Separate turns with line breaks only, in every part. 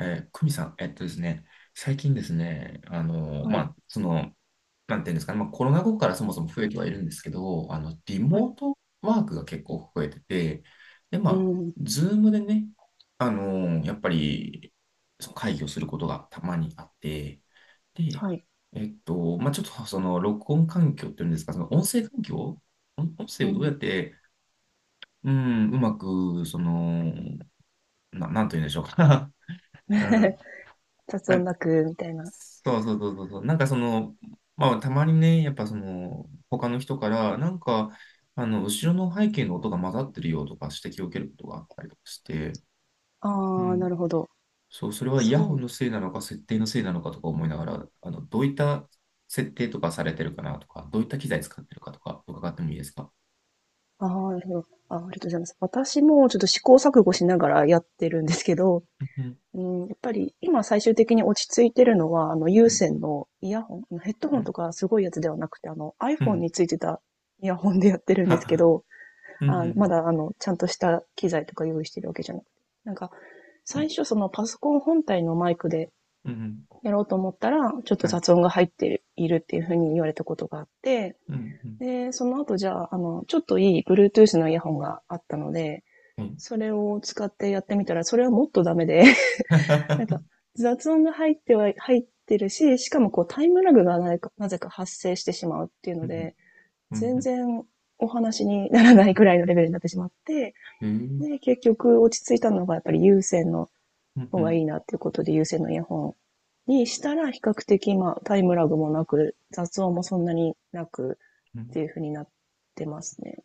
久美さん、えっとですね、最近ですね、
は
ま
い、
あ、なんていうんですかね、まあ、コロナ後からそもそも増えてはいるんですけど、リ
はい、
モートワークが結構増えてて、で、ま
う
あ、
ん、
ズームでね、やっぱり、その会議をすることがたまにあって、で、
はい、
まあ、ちょっと録音環境っていうんですか、その音声環境音声
う
をどうやっ
ん。
て、うん、うまく、なんというんでしょうか。うん。
雑
な
音
ん
なく、みたいな。
そうそうそうそうそう、なんか、まあたまにね、やっぱその他の人からなんか、後ろの背景の音が混ざってるよとかして気をつけることがありとかして。う
ああ、な
ん、
るほど。
そう、それはイヤ
そ
ホ
う。
ンのせいなのか設定のせいなのかとか思いながら、どういった設定とかされてるかなとかどういった機材使ってるかとかとか、かってもいいですか？
ああ、なるほど。ああ、ありがとうございます。私もちょっと試行錯誤しながらやってるんですけど、
うん、
うん、やっぱり今最終的に落ち着いてるのは、あの有
うん、
線のイヤホン、あのヘッドホ
う
ンと
ん、
かすごいやつではなくて、あの
うん、う
iPhone
ん、
についてたイヤホンでやってるんですけ
は
ど、
うん、う
あ、ま
ん、
だあの、ちゃんとした機材とか用意してるわけじゃなくて。なんか、
う
最
ん、
初そのパソコン本体のマイクで
うん、うん、
やろうと思ったら、ちょっと
はい、
雑音が入っているっていうふうに言われたことがあって、
うん、うん、
で、その後じゃあ、あの、ちょっといい Bluetooth のイヤホンがあったので、それを使ってやってみたら、それはもっとダメで、
はは
な
は
んか
は、
雑音が入ってるし、しかもこうタイムラグがなぜか発生してしまうっていう
う
の
ん、
で、
うん、う
全
ん、
然お話にならないくらいのレベルになってしまって、
うん、
で、結局落ち着いたのがやっぱり有線の
う
方がい
ん、
いなっていうことで有線のイヤホンにしたら比較的まあタイムラグもなく雑音もそんなになく
う
っ
ん。
ていう風になってますね。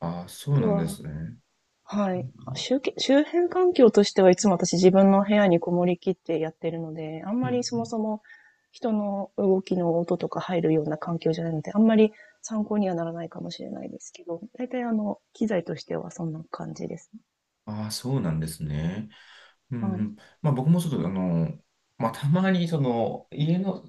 ああ、そ
あ
う
と
なんで
は、
すね。
は
う
い。
ん、
周辺環境としてはいつも私自分の部屋にこもりきってやってるので、あん
う
まりそも
ん。
そも人の動きの音とか入るような環境じゃないので、あんまり参考にはならないかもしれないですけど、大体あの、機材としてはそんな感じですね。
ああ、そうなんですね。う
は
ん、う
い。
ん。まあ僕もちょっとまあたまに家の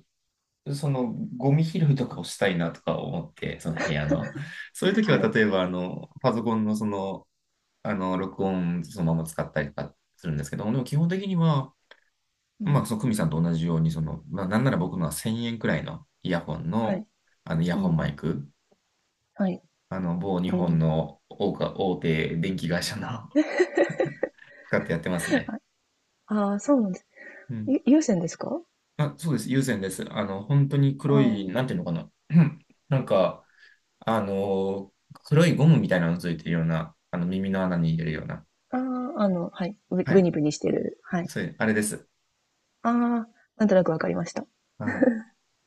そのゴミ拾いとかをしたいなとか思って、その部屋の。そういう時は
はい。
例えばパソコンの録音そのまま使ったりとかするんですけども、でも基本的には、
う
まあ
ん。
久美さんと同じように、まあなんなら僕のは1000円くらいのイヤホン
はい。
の、イヤ
う
ホンマ
ん
イク、
はい。
某日
う
本
ん。
の大手電気会社の使ってやってますね。
ああ、そうなんです。
うん。
有線ですか？
あ、そうです。有線です。本当に黒い、
あ
なんていうのかな。なんか、あの黒いゴムみたいなのついてるような、耳の穴に入れるような。
あ、ああ、あの、はい、ぶ
は
ブ
い。
ニブニしてる、はい。
そういう、あれです。
ああ、なんとなくわかりました。
はい。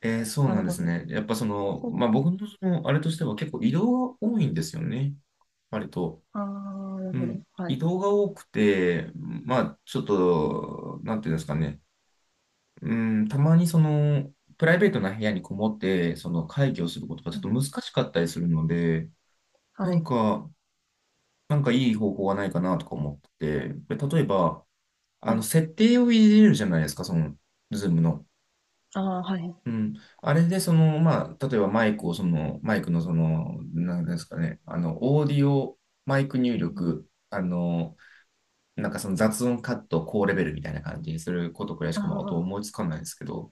そう
な
な
る
んで
ほ
す
ど。
ね。やっぱ
そう
ま
ね。
あ、僕のその、あれとしては結構移動が多いんですよね。割と。
ああ、なる
う
ほど。
ん。
は
移
い。
動が多くて、まあ、ちょっと、なんていうんですかね。うん、たまにプライベートな部屋にこもって、その会議をすることがちょ
う
っと
ん。
難しかったりするので、
は
なん
い。
か、なんかいい方法はないかなとか思ってて、で例えば、
はい。
設定を入れるじゃないですか、その、ズームの。
ああ、はい。う
うん。あれで、まあ、例えばマイクを、その、マイクの、なんですかね、オーディオ、マイク入
ん。
力、なんか、その雑音カット、高レベルみたいな感じにすることくらいし
あ
か、まあ、あと
あ、
思いつかないですけど。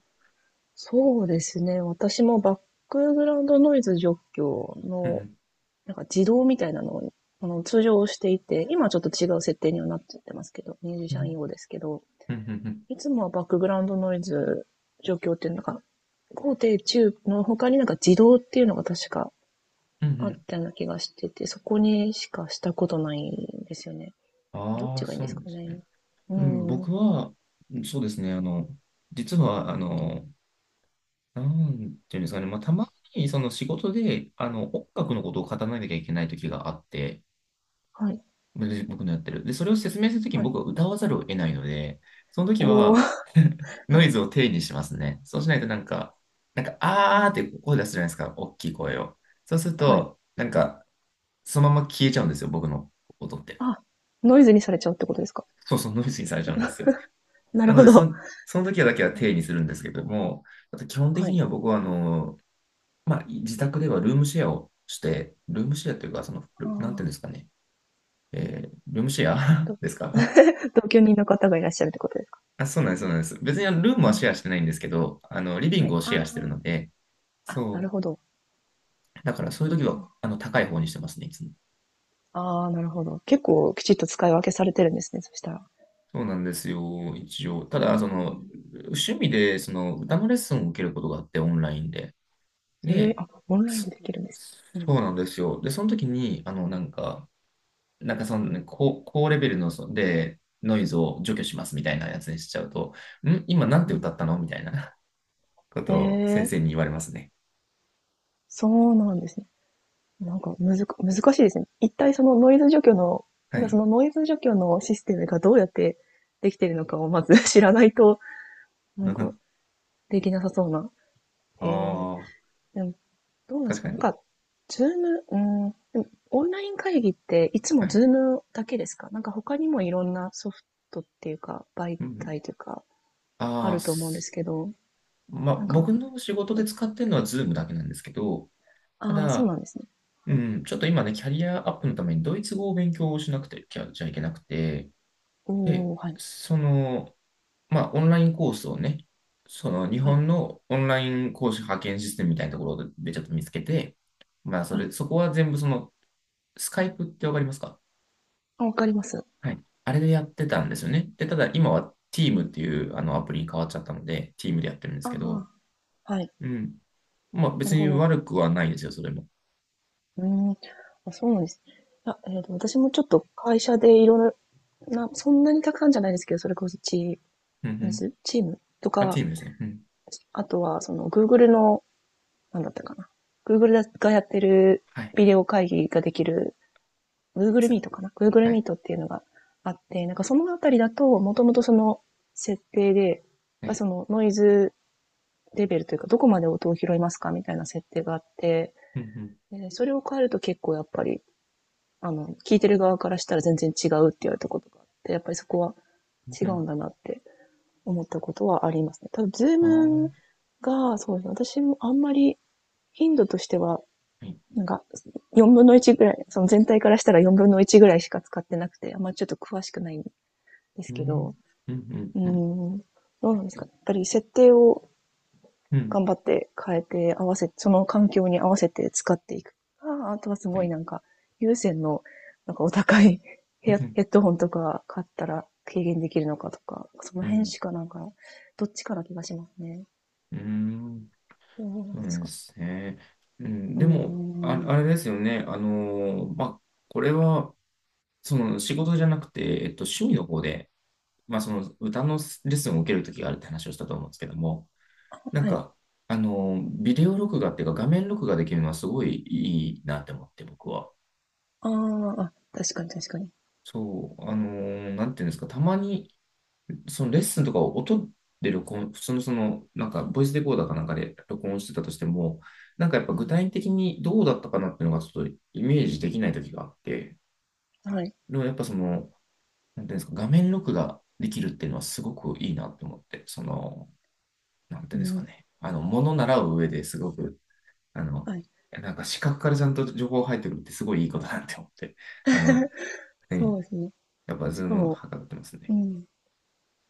そうですね。私もバックグラウンドノイズ除去
う
の、
ん、
なんか自動みたいなのを、あの、通常していて、今はちょっと違う設定にはなっちゃってますけど、ミュージ
う
シ
ん、
ャン用ですけど、
うん、うん、うん、うん、
いつもはバックグラウンドノイズ除去っていうのが高低中の他になんか自動っていうのが確か
うん、う
あっ
ん。
たような気がしてて、そこにしかしたことないんですよね。どっ
あ
ち
あ、
がいいん
そう
で
な
す
んで
か
すね。
ね。う
うん、
ーん。
僕は、うん、そうですね、実は、なんていうんですかね、まあ、たまに、その仕事で、音楽のことを語らなきゃいけない時があって、
はい。
僕のやってる。で、それを説明するときに
はい。
僕は歌わざるを得ないので、その時
おー。
は ノ
は
イ
い。
ズを低にしますね。そうしないと、なんか、
あ
あーって声出すじゃないですか、大きい声を。そうする
はい。
と、なんか、そのまま消えちゃうんですよ、僕の音って。
あ、ノイズにされちゃうってことですか。
そうそう、ノイズにされちゃうんですよ。
な
な
る
の
ほ
で、
ど。
その時はだけは定にするんですけども、あと基本的
はい。
には僕はまあ、自宅ではルームシェアをして、ルームシェアというか、
あ
なんていうんで
ー
すかね、ルームシェア
と
ですか？
同居人の方がいらっしゃるってことですか。
あ、そうなんです、そうなんです。別にルーム
は
はシ
い。
ェアしてないんですけど、リビン
は
グ
い。
をシェアしてるの
あ
で、
あ。あ、なる
そ
ほど。
う。だからそういう時は、高い方にしてますね、いつも。
ああ、なるほど。結構きちっと使い分けされてるんですね、そしたら。
そうなんですよ、一応。た
な
だ、
る
そ
ほど。
の、趣味で、その、歌のレッスンを受けることがあって、オンラインで。
ええ
で、
あ、オンライン
そ、
でできるんです。うん。
そうなんですよ。で、その時に、なんか、その、ね、高レベルの、ノイズを除去しますみたいなやつにしちゃうと、今なんて
う
歌
ん。
ったのみたいな こ
え
とを先
え、
生に言われますね。
そうなんですね。なんか、むずか難しいですね。一体そのノイズ除去の、
は
なんかそ
い。
のノイズ除去のシステムがどうやってできてるのかをまず 知らないと、なんか、できなさそうな。
あ
ええ、
あ、
でも、どうなんで
確
すか
か
ねなん
に。
か、ズーム、うん、でもオンライン会議っていつ
は
も
い。
ズームだけですかなんか他にもいろんなソフトっていうか、媒
うん、うん、
体というか、あ
ああ、
ると思うんですけど、
まあ、
なんか、
僕の仕事で使ってるのは Zoom だけなんですけど、た
ああー、そう
だ、
なんですね。
う
はい。
ん、ちょっと今ね、キャリアアップのためにドイツ語を勉強しなくてきゃ、じゃいけなくて、で、
おー、はい。
その、まあ、オンラインコースをね、その日
はい。
本のオンライン講師派遣システムみたいなところでちょっと見つけて、まあ、
はい。
そこは全部その、スカイプってわかりますか？
あ、わかります。
はい。あれでやってたんですよね。で、ただ今は
う
Team っ
ん。
ていうあのアプリに変わっちゃったので、Team でやってるんです
あ
けど、
あ、はい。
うん。まあ、
な
別
る
に
ほど。
悪くはないですよ、それも。
うーん。あ、そうなんです。いや、私もちょっと会社でいろんな、そんなにたくさんじゃないですけど、それこそチ
うん、う
ーム
ん。
ズ、チームと
あ、
か、
Team ですね。うん。
あとは、その、Google の、なんだったかな。Google がやってる
はい。
ビデオ会議ができる、Google
す
Meet かな。Google
はい。
Meet っていうのがあって、なんかそのあたりだと、もともとその設定で、
は
まあ
い。
そのノイズレベルというか、どこまで音を拾いますかみたいな設定があって、
うん、うん。
それを変えると結構やっぱり、あの、聞いてる側からしたら全然違うって言われたことがあって、やっぱりそこは
う
違
ん、う
うん
ん。
だなって思ったことはありますね。ただ、
ああ。は
Zoom が、そうですね、私もあんまり頻度としては、
い。
なんか、1/4ぐらい、その全体からしたら1/4ぐらいしか使ってなくて、あんまちょっと詳しくないんです
う
けど、
ん。うん、うん、
うー
うん。
ん、どうなんですかね。やっぱり設定を
う
頑
ん。
張って変えて合わせ、その環境に合わせて使っていく。ああとはす
は
ごい
い。
なんか、有線の、なんかお高い
う
ヘア
ん、
ヘッドホンとか買ったら軽減できるのかとか、その
うん。う
辺
ん。
しかなんか、どっちかな気がしますね。
うーん
どうな
そ
ん
う
で
な
す
んで
かね。
すね。うん、
うー
でも、あ、
ん。
あれですよね。まあ、これは、その仕事じゃなくて、趣味の方で、まあ、その歌のレッスンを受けるときがあるって話をしたと思うんですけども、なん
はい。
か、ビデオ録画っていうか、画面録画できるのはすごいいいなって思って、僕は。
ああ、確かに確かに。
そう、なんていうんですか、たまにそのレッスンとかを音で録音、普通のその、なんか、ボイスレコーダーかなんかで録音してたとしても、なんかやっぱ
う
具
ん。
体的にどうだったかなっていうのがちょっとイメージできない時があって、
はい。
でもやっぱその、なんていうんですか、画面録画できるっていうのはすごくいいなって思って、その、なんて
う
いうんですか
ん。
ね、もの習う上ですごく、あの、
はい。
なんか視覚からちゃんと情報入ってくるってすごいいいことだなって思って、あの、は
そうですね。
やっぱ
し
ズー
か
ム
も、
はかってます
う
ね。
ん。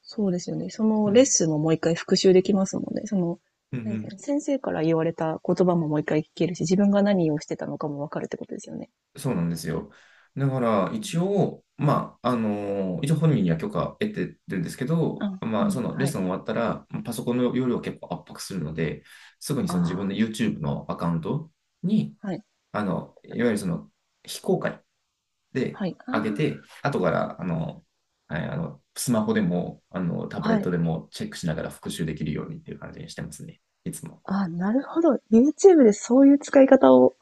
そうですよね。その
う
レッ
ん。
スンももう一回復習できますもんね。その、
うん、う
何ですかね
ん、
先生から言われた言葉ももう一回聞けるし、自分が何をしてたのかもわかるってことですよね。
そうなんですよ。だから、
う
一
ん
応、まあ、一応本人には許可得てるんですけど、
あ、う
まあ、そ
ん、
のレッ
は
ス
い。
ン終わったら、まあパソコンの容量を結構圧迫するので、すぐにその自分
あ
の YouTube のアカウントに、
あ、はい、
いわゆるその非公開で
はい、あ
上げて、後から、はい、スマホでも、タブ
あ、
レッ
は
ト
い。
でもチェックしながら復習できるようにっていう感じにしてますね。いつも。
ああなるほど。YouTube でそういう使い方を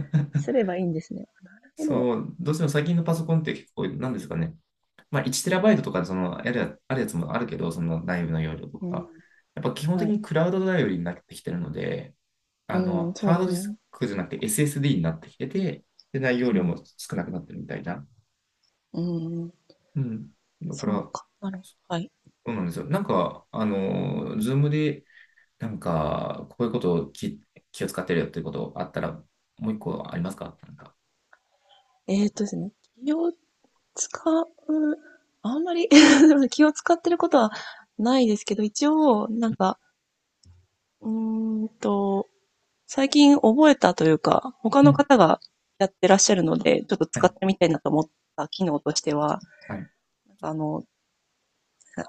すれ ばいいんですね。なるほど。
そう、どうしても最近のパソコンって結構、なんですかね。まあ、1TB とかそのあるやつもあるけど、その内部の容量と
うん、
か、やっぱ基本
は
的
い。
にクラウド頼りになってきてるので、
うん、そ
ハ
う
ー
で
ド
す
ディス
ね。
クじゃなくて SSD になってきてて、で、内容
う
量も
ん、
少なくなってるみたいな。
うん、
うん。だか
そ
ら、
う
そ
か。なるほど。はい。
うなんですよ。なんか、ズームで、なんか、こういうことを気を使ってるよっていうことあったら、もう一個ありますか、なんか。
ですね。企業使う、あんまり 気を使ってることはないですけど、一応、なんか、うーんと、最近覚えたというか、他
う
の
ん。
方がやってらっしゃるので、ちょっと
は
使っ
い。
てみたいなと思った機能としては、
はい。
あの、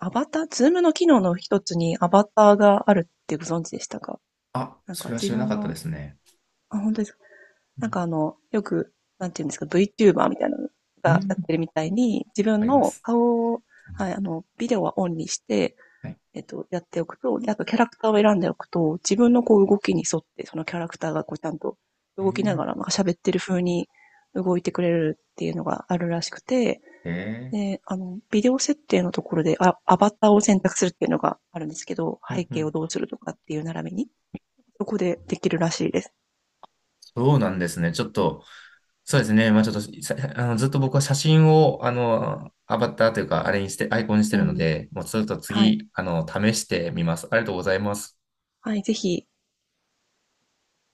アバター、ズームの機能の一つにアバターがあるってご存知でしたか
あ、
なん
そ
か
れは知
自
らな
分
かった
の、
ですね。
あ、本当ですか
う
なん
ん。
かあの、よく、なんていうんですか、VTuber みたいなの
う
が
ん、
やってるみたいに、自分
ありま
の
す。
顔を、はい、あの、ビデオはオンにして、
はい。
やっておくと、で、あとキャラクターを選んでおくと、自分のこう動きに沿って、そのキャラクターがこうちゃんと
え
動きな
ー、
がら、なんか喋ってる風に動いてくれるっていうのがあるらしくて、
えー
で、あの、ビデオ設定のところで、あ、アバターを選択するっていうのがあるんですけど、
う
背
ん、う
景を
ん、
どうするとかっていう並びに、そこでできるらしいです。
そうなんですね。ちょっと、そうですね。まあちょっと、さあの、ずっと僕は写真を、アバターというか、あれにして、アイコンにして
う
るの
ん。
で、もうちょっと
はい。
次、試してみます。ありがとうございます。
はい、ぜひ、